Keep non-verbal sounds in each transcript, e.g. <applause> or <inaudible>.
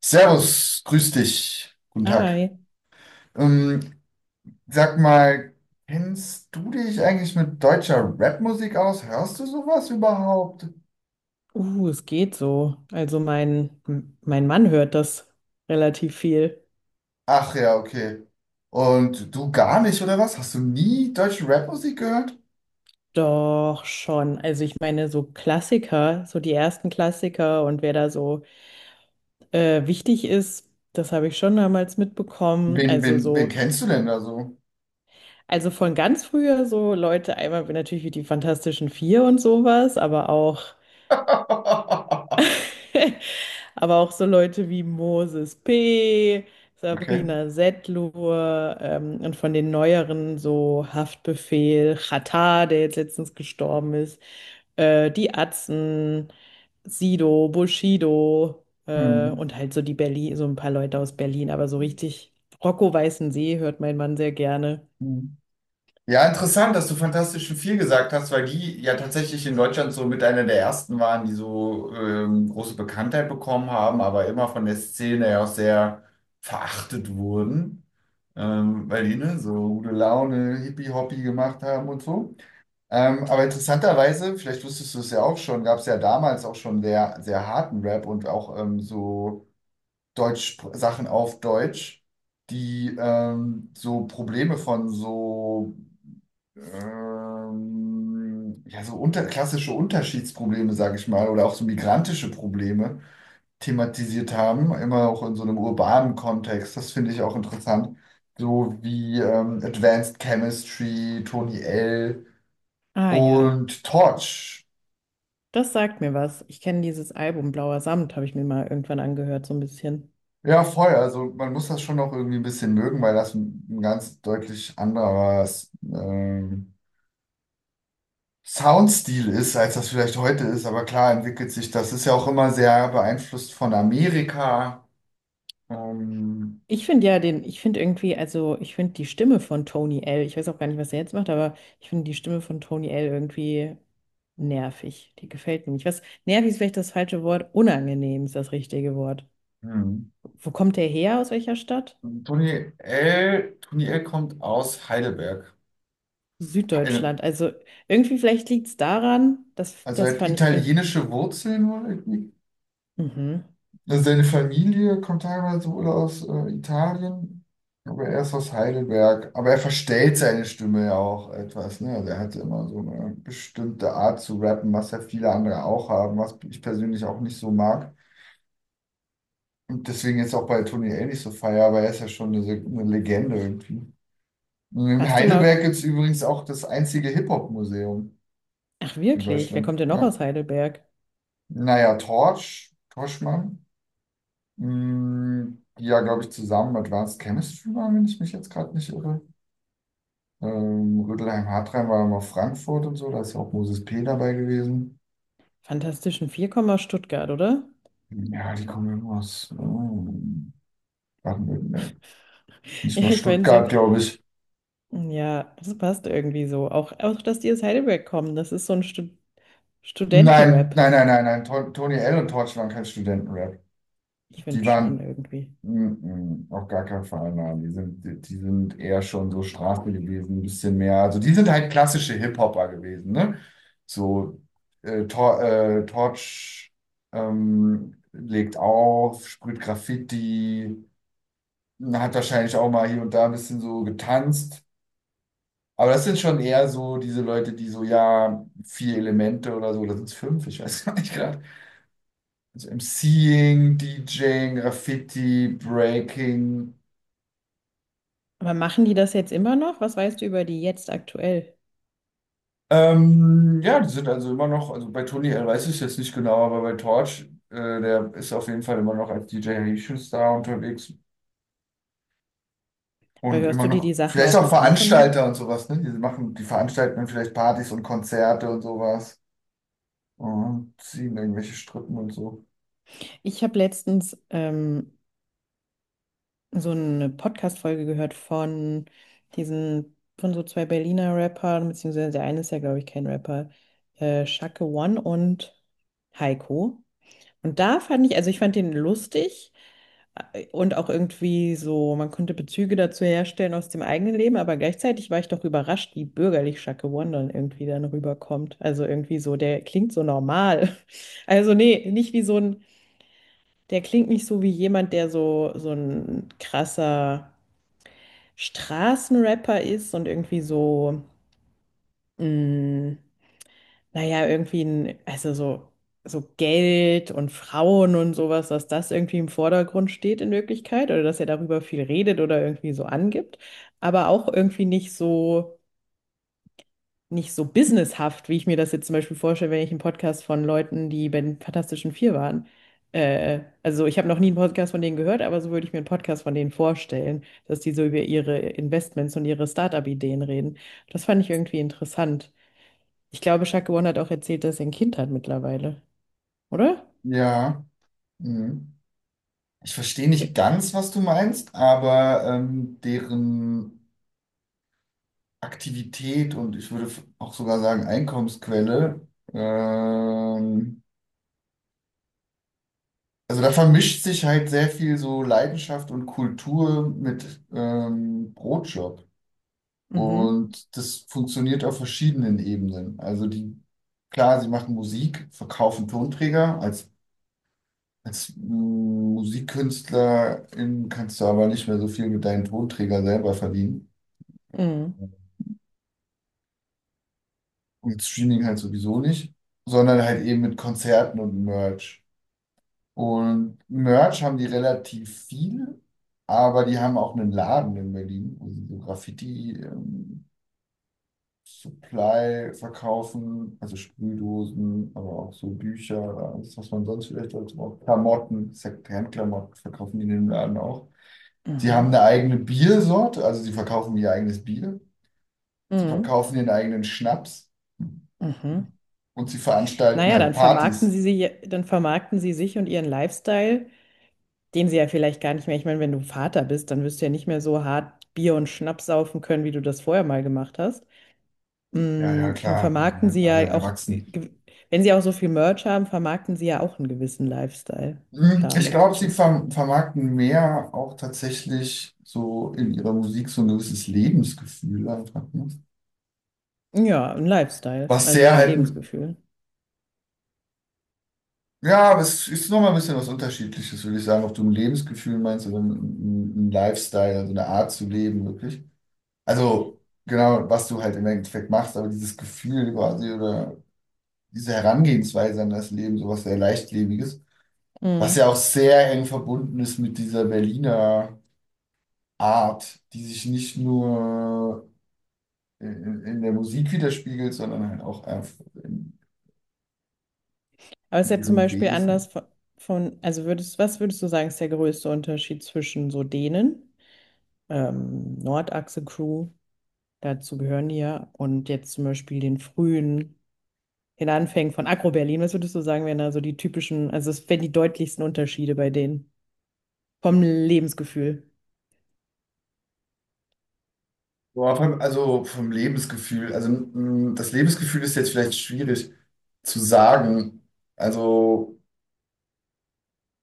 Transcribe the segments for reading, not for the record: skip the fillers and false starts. Servus, grüß dich. Guten Tag. Hi. Ähm, Sag mal, kennst du dich eigentlich mit deutscher Rapmusik aus? Hörst du sowas überhaupt? Es geht so. Also mein, m- mein Mann hört das relativ viel. Ach ja, okay. Und du gar nicht, oder was? Hast du nie deutsche Rapmusik gehört? Doch schon. Also ich meine, so Klassiker, so die ersten Klassiker und wer da so wichtig ist, das habe ich schon damals mitbekommen. Wen, Also wen, wen so, kennst du denn da so? also von ganz früher so Leute, einmal natürlich wie die Fantastischen Vier und sowas, aber auch. <laughs> Aber auch so Leute wie Moses P., Okay. Sabrina Setlur und von den neueren so Haftbefehl, Xatar, der jetzt letztens gestorben ist, die Atzen, Sido, Bushido Hm. und halt so die Berlin, so ein paar Leute aus Berlin, aber so richtig Rocco Weißensee hört mein Mann sehr gerne. Hm. Ja, interessant, dass du Fantastischen Vier gesagt hast, weil die ja tatsächlich in Deutschland so mit einer der ersten waren, die so große Bekanntheit bekommen haben, aber immer von der Szene ja auch sehr verachtet wurden, weil die ne, so gute Laune, Hippie-Hoppy gemacht haben und so. Aber interessanterweise, vielleicht wusstest du es ja auch schon, gab es ja damals auch schon sehr, sehr harten Rap und auch so Deutsch, Sachen auf Deutsch, die so Probleme von so ja, so unter, klassische Unterschiedsprobleme, sage ich mal, oder auch so migrantische Probleme thematisiert haben, immer auch in so einem urbanen Kontext. Das finde ich auch interessant. So wie Advanced Chemistry, Tony L. Ah ja, und Torch. das sagt mir was. Ich kenne dieses Album Blauer Samt, habe ich mir mal irgendwann angehört, so ein bisschen. Ja, voll. Also man muss das schon noch irgendwie ein bisschen mögen, weil das ein ganz deutlich anderes Soundstil ist, als das vielleicht heute ist, aber klar entwickelt sich das. Ist ja auch immer sehr beeinflusst von Amerika. Ähm, Ich finde ja den, ich finde irgendwie, also ich finde die Stimme von Tony L., ich weiß auch gar nicht, was er jetzt macht, aber ich finde die Stimme von Tony L. irgendwie nervig. Die gefällt mir nicht. Was, nervig ist vielleicht das falsche Wort, unangenehm ist das richtige Wort. hm. Wo kommt der her? Aus welcher Stadt? Tony L. Kommt aus Heidelberg. Heide- Süddeutschland. Also irgendwie vielleicht liegt es daran, das, Also er das hat fand ich, finde ich. italienische Wurzeln wohl irgendwie. Mhm. Also seine Familie kommt teilweise wohl aus Italien, aber er ist aus Heidelberg. Aber er verstellt seine Stimme ja auch etwas, ne? Also er hatte immer so eine bestimmte Art zu rappen, was ja viele andere auch haben, was ich persönlich auch nicht so mag. Und deswegen jetzt auch bei Tony L nicht so feier, aber er ist ja schon eine Legende irgendwie. Und in Warst du Heidelberg mal, gibt es übrigens auch das einzige Hip-Hop-Museum ach in wirklich, wer Deutschland. kommt denn noch Ja. aus Heidelberg? Naja, Torch, Torchmann, die ja, glaube ich, zusammen Advanced Chemistry waren, wenn ich mich jetzt gerade nicht irre. Rödelheim-Hartheim war immer Frankfurt und so, da ist ja auch Moses P. dabei gewesen. Fantastischen Vier, Komma Stuttgart, oder? Ja, die kommen immer aus Baden-Württemberg. <laughs> Nicht Ja, mal ich meine so, Stuttgart, glaube ich. ja, das passt irgendwie so. Auch, auch, dass die aus Heidelberg kommen, das ist so ein Stu Nein, Studentenrap. nein, nein, nein, nein. Tony L. und Torch waren kein Studentenrap. Ich Die finde schon waren irgendwie. mm, auf gar keinen Fall, nein. Die sind eher schon so Straße gewesen, ein bisschen mehr. Also die sind halt klassische Hip-Hopper gewesen, ne? So Tor, Torch legt auf, sprüht Graffiti, hat wahrscheinlich auch mal hier und da ein bisschen so getanzt. Aber das sind schon eher so diese Leute, die so, ja, vier Elemente oder so, oder sind es fünf? Ich weiß <laughs> gar nicht. Also MCing, DJing, Graffiti, Breaking. Aber machen die das jetzt immer noch? Was weißt du über die jetzt aktuell? Ja, die sind also immer noch, also bei Tony L weiß ich es jetzt nicht genau, aber bei Torch, äh, der ist auf jeden Fall immer noch als DJ Haitian Star unterwegs Aber und hörst immer du dir noch, die Sachen vielleicht auch auch noch an von Veranstalter denen? und sowas, ne? Die machen, die veranstalten dann vielleicht Partys und Konzerte und sowas und ziehen irgendwelche Strippen und so. Ich habe letztens so eine Podcast-Folge gehört von diesen, von so zwei Berliner Rappern, beziehungsweise der eine ist ja, glaube ich, kein Rapper, Shake One und Heiko. Und da fand ich, also ich fand den lustig. Und auch irgendwie so, man konnte Bezüge dazu herstellen aus dem eigenen Leben, aber gleichzeitig war ich doch überrascht, wie bürgerlich Shaka One dann irgendwie dann rüberkommt. Also irgendwie so, der klingt so normal. <laughs> Also nee, nicht wie so ein, der klingt nicht so wie jemand, der so, so ein krasser Straßenrapper ist und irgendwie so, mh, naja, irgendwie ein, also so, so Geld und Frauen und sowas, dass das irgendwie im Vordergrund steht in Wirklichkeit oder dass er darüber viel redet oder irgendwie so angibt, aber auch irgendwie nicht so, nicht so businesshaft, wie ich mir das jetzt zum Beispiel vorstelle, wenn ich einen Podcast von Leuten, die bei den Fantastischen Vier waren. Also ich habe noch nie einen Podcast von denen gehört, aber so würde ich mir einen Podcast von denen vorstellen, dass die so über ihre Investments und ihre Startup-Ideen reden. Das fand ich irgendwie interessant. Ich glaube, Shaq One hat auch erzählt, dass er ein Kind hat mittlerweile, oder? Ja, mhm. Ich verstehe Ja. nicht ganz, was du meinst, aber deren Aktivität und ich würde auch sogar sagen Einkommensquelle. Ähm, also da vermischt sich halt sehr viel so Leidenschaft und Kultur mit Brotjob. Mhm. Und das funktioniert auf verschiedenen Ebenen. Also die, klar, sie machen Musik, verkaufen Tonträger. Als Musikkünstlerin kannst du aber nicht mehr so viel mit deinem Tonträger selber verdienen. Mhm. Und Streaming halt sowieso nicht, sondern halt eben mit Konzerten und Merch. Und Merch haben die relativ viel, aber die haben auch einen Laden in Berlin, wo sie so Graffiti-Supply verkaufen, also Sprühdosen, aber auch so Bücher, alles, was man sonst vielleicht dazu braucht. Klamotten, Secondhand-Klamotten verkaufen die in dem Laden auch. Sie haben Mhm. eine eigene Biersorte, also sie verkaufen ihr eigenes Bier, sie Mhm. verkaufen ihren eigenen Schnaps Mhm. und sie veranstalten Naja, halt dann vermarkten Partys. sie sie, dann vermarkten sie sich und ihren Lifestyle, den sie ja vielleicht gar nicht mehr. Ich meine, wenn du Vater bist, dann wirst du ja nicht mehr so hart Bier und Schnaps saufen können, wie du das vorher mal gemacht hast. Ja, ja, Mhm. Dann klar, vermarkten sie alle ja auch, erwachsen. Wenn sie auch so viel Merch haben, vermarkten sie ja auch einen gewissen Lifestyle Hm, ich damit. glaube, sie vermarkten mehr auch tatsächlich so in ihrer Musik so ein gewisses Lebensgefühl einfach. Ne? Ja, ein Lifestyle. Was Also sehr ja, halt, Lebensgefühl. ja, aber es ist nochmal ein bisschen was Unterschiedliches, würde ich sagen, ob du ein Lebensgefühl meinst oder ein Lifestyle, also eine Art zu leben, wirklich. Also genau, was du halt im Endeffekt machst, aber dieses Gefühl quasi oder diese Herangehensweise an das Leben, sowas sehr Leichtlebiges, was ja auch sehr eng verbunden ist mit dieser Berliner. Art, die sich nicht nur in der Musik widerspiegelt, sondern halt auch einfach Aber es in ist ja zum ihrem Beispiel Wesen. anders von, also würdest, was würdest du sagen, ist der größte Unterschied zwischen so denen, Nordachse-Crew, dazu gehören die ja, und jetzt zum Beispiel den frühen, den Anfängen von Agro-Berlin, was würdest du sagen, wären da so die typischen, also es wären die deutlichsten Unterschiede bei denen vom Lebensgefühl? Also vom Lebensgefühl. Also das Lebensgefühl ist jetzt vielleicht schwierig zu sagen. Also,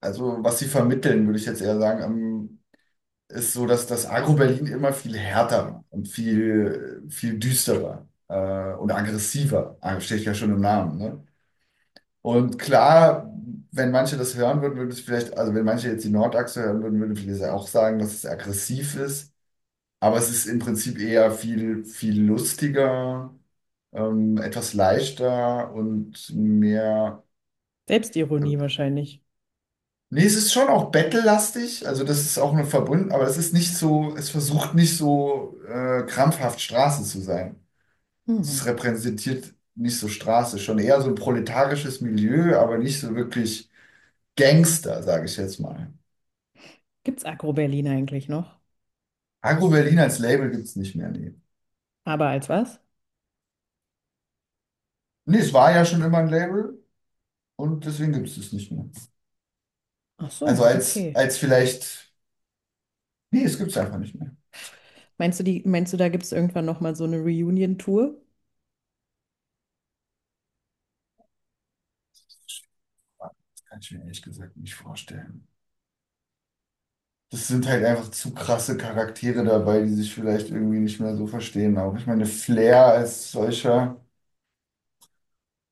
also was sie vermitteln, würde ich jetzt eher sagen, ist so, dass das Agro-Berlin immer viel härter war und viel, viel düsterer und aggressiver. Ah, steht ja schon im Namen, ne? Und klar, wenn manche das hören würden, würde ich vielleicht, also wenn manche jetzt die Nordachse hören würden, würde ich vielleicht auch sagen, dass es aggressiv ist. Aber es ist im Prinzip eher viel, viel lustiger, etwas leichter und mehr. Selbstironie wahrscheinlich. Nee, es ist schon auch battle-lastig, also das ist auch nur verbunden, aber es ist nicht so, es versucht nicht so krampfhaft Straße zu sein. Hm. Es repräsentiert nicht so Straße, schon eher so ein proletarisches Milieu, aber nicht so wirklich Gangster, sage ich jetzt mal. Gibt's Agro-Berlin eigentlich noch? Agro Berlin als Label gibt es nicht mehr. Nee. Aber als was? Nee, es war ja schon immer ein Label und deswegen gibt es es nicht mehr. Ach Also so, als, okay. als vielleicht, nee, es gibt es einfach nicht mehr. Meinst du, die, meinst du, da gibt es irgendwann nochmal so eine Reunion-Tour? Das kann ich mir ehrlich gesagt nicht vorstellen. Das sind halt einfach zu krasse Charaktere dabei, die sich vielleicht irgendwie nicht mehr so verstehen. Auch ich meine, Flair als solcher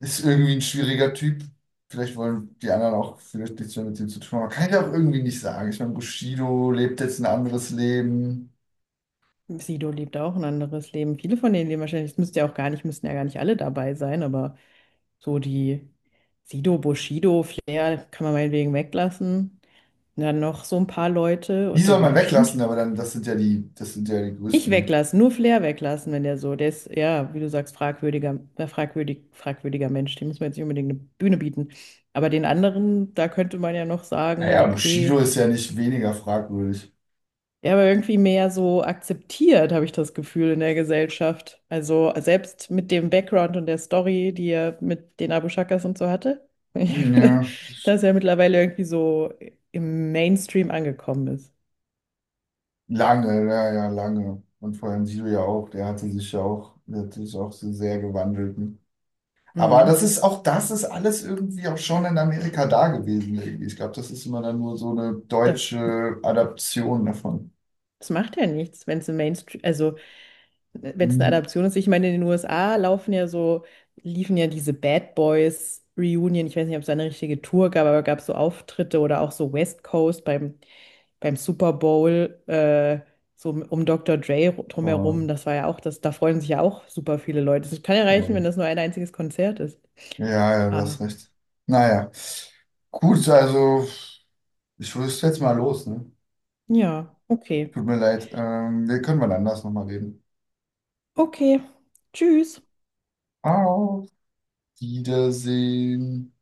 ist irgendwie ein schwieriger Typ. Vielleicht wollen die anderen auch vielleicht nichts mehr mit ihm zu tun haben. Aber kann ich auch irgendwie nicht sagen. Ich meine, Bushido lebt jetzt ein anderes Leben. Sido lebt auch ein anderes Leben. Viele von denen leben wahrscheinlich, es müsste ja auch gar nicht, müssten ja gar nicht alle dabei sein, aber so die Sido, Bushido, Flair kann man meinetwegen weglassen. Und dann noch so ein paar Leute Die und da soll man würden weglassen, bestimmt aber dann, das sind ja die, das sind ja die nicht größten. weglassen, nur Flair weglassen, wenn der so, der ist, ja, wie du sagst, fragwürdiger, fragwürdiger Mensch, dem muss man jetzt nicht unbedingt eine Bühne bieten. Aber den anderen, da könnte man ja noch sagen, Naja, Bushido okay. ist ja nicht weniger fragwürdig. Ja, aber irgendwie mehr so akzeptiert, habe ich das Gefühl, in der Gesellschaft. Also selbst mit dem Background und der Story, die er mit den Abu Shakas und so hatte, <laughs> Ja, das- dass er mittlerweile irgendwie so im Mainstream angekommen ist. lange, ja, ja, lange. Und vor allem Sido ja auch, der hatte sich ja auch, der hat sich auch so sehr gewandelt. Ne? Aber das Mhm. ist auch, das ist alles irgendwie auch schon in Amerika da gewesen. Irgendwie. Ich glaube, das ist immer dann nur so eine Das, deutsche Adaption davon. das macht ja nichts, wenn es im Mainstream, also wenn es eine Mhm. Adaption ist. Ich meine, in den USA laufen ja so, liefen ja diese Bad Boys Reunion. Ich weiß nicht, ob es da eine richtige Tour gab, aber gab es so Auftritte oder auch so West Coast beim, beim Super Bowl, so um Dr. Dre Voll, drumherum. Das war ja auch, das, da freuen sich ja auch super viele Leute. Es kann ja reichen, voll. wenn das nur ein einziges Konzert ist. Ja, ja, du Ah, hast recht. Naja, gut, also ich rüste jetzt mal los, ne? ja, okay. Tut mir leid. Wir können mal anders nochmal reden. Okay. Tschüss. Auf Wiedersehen.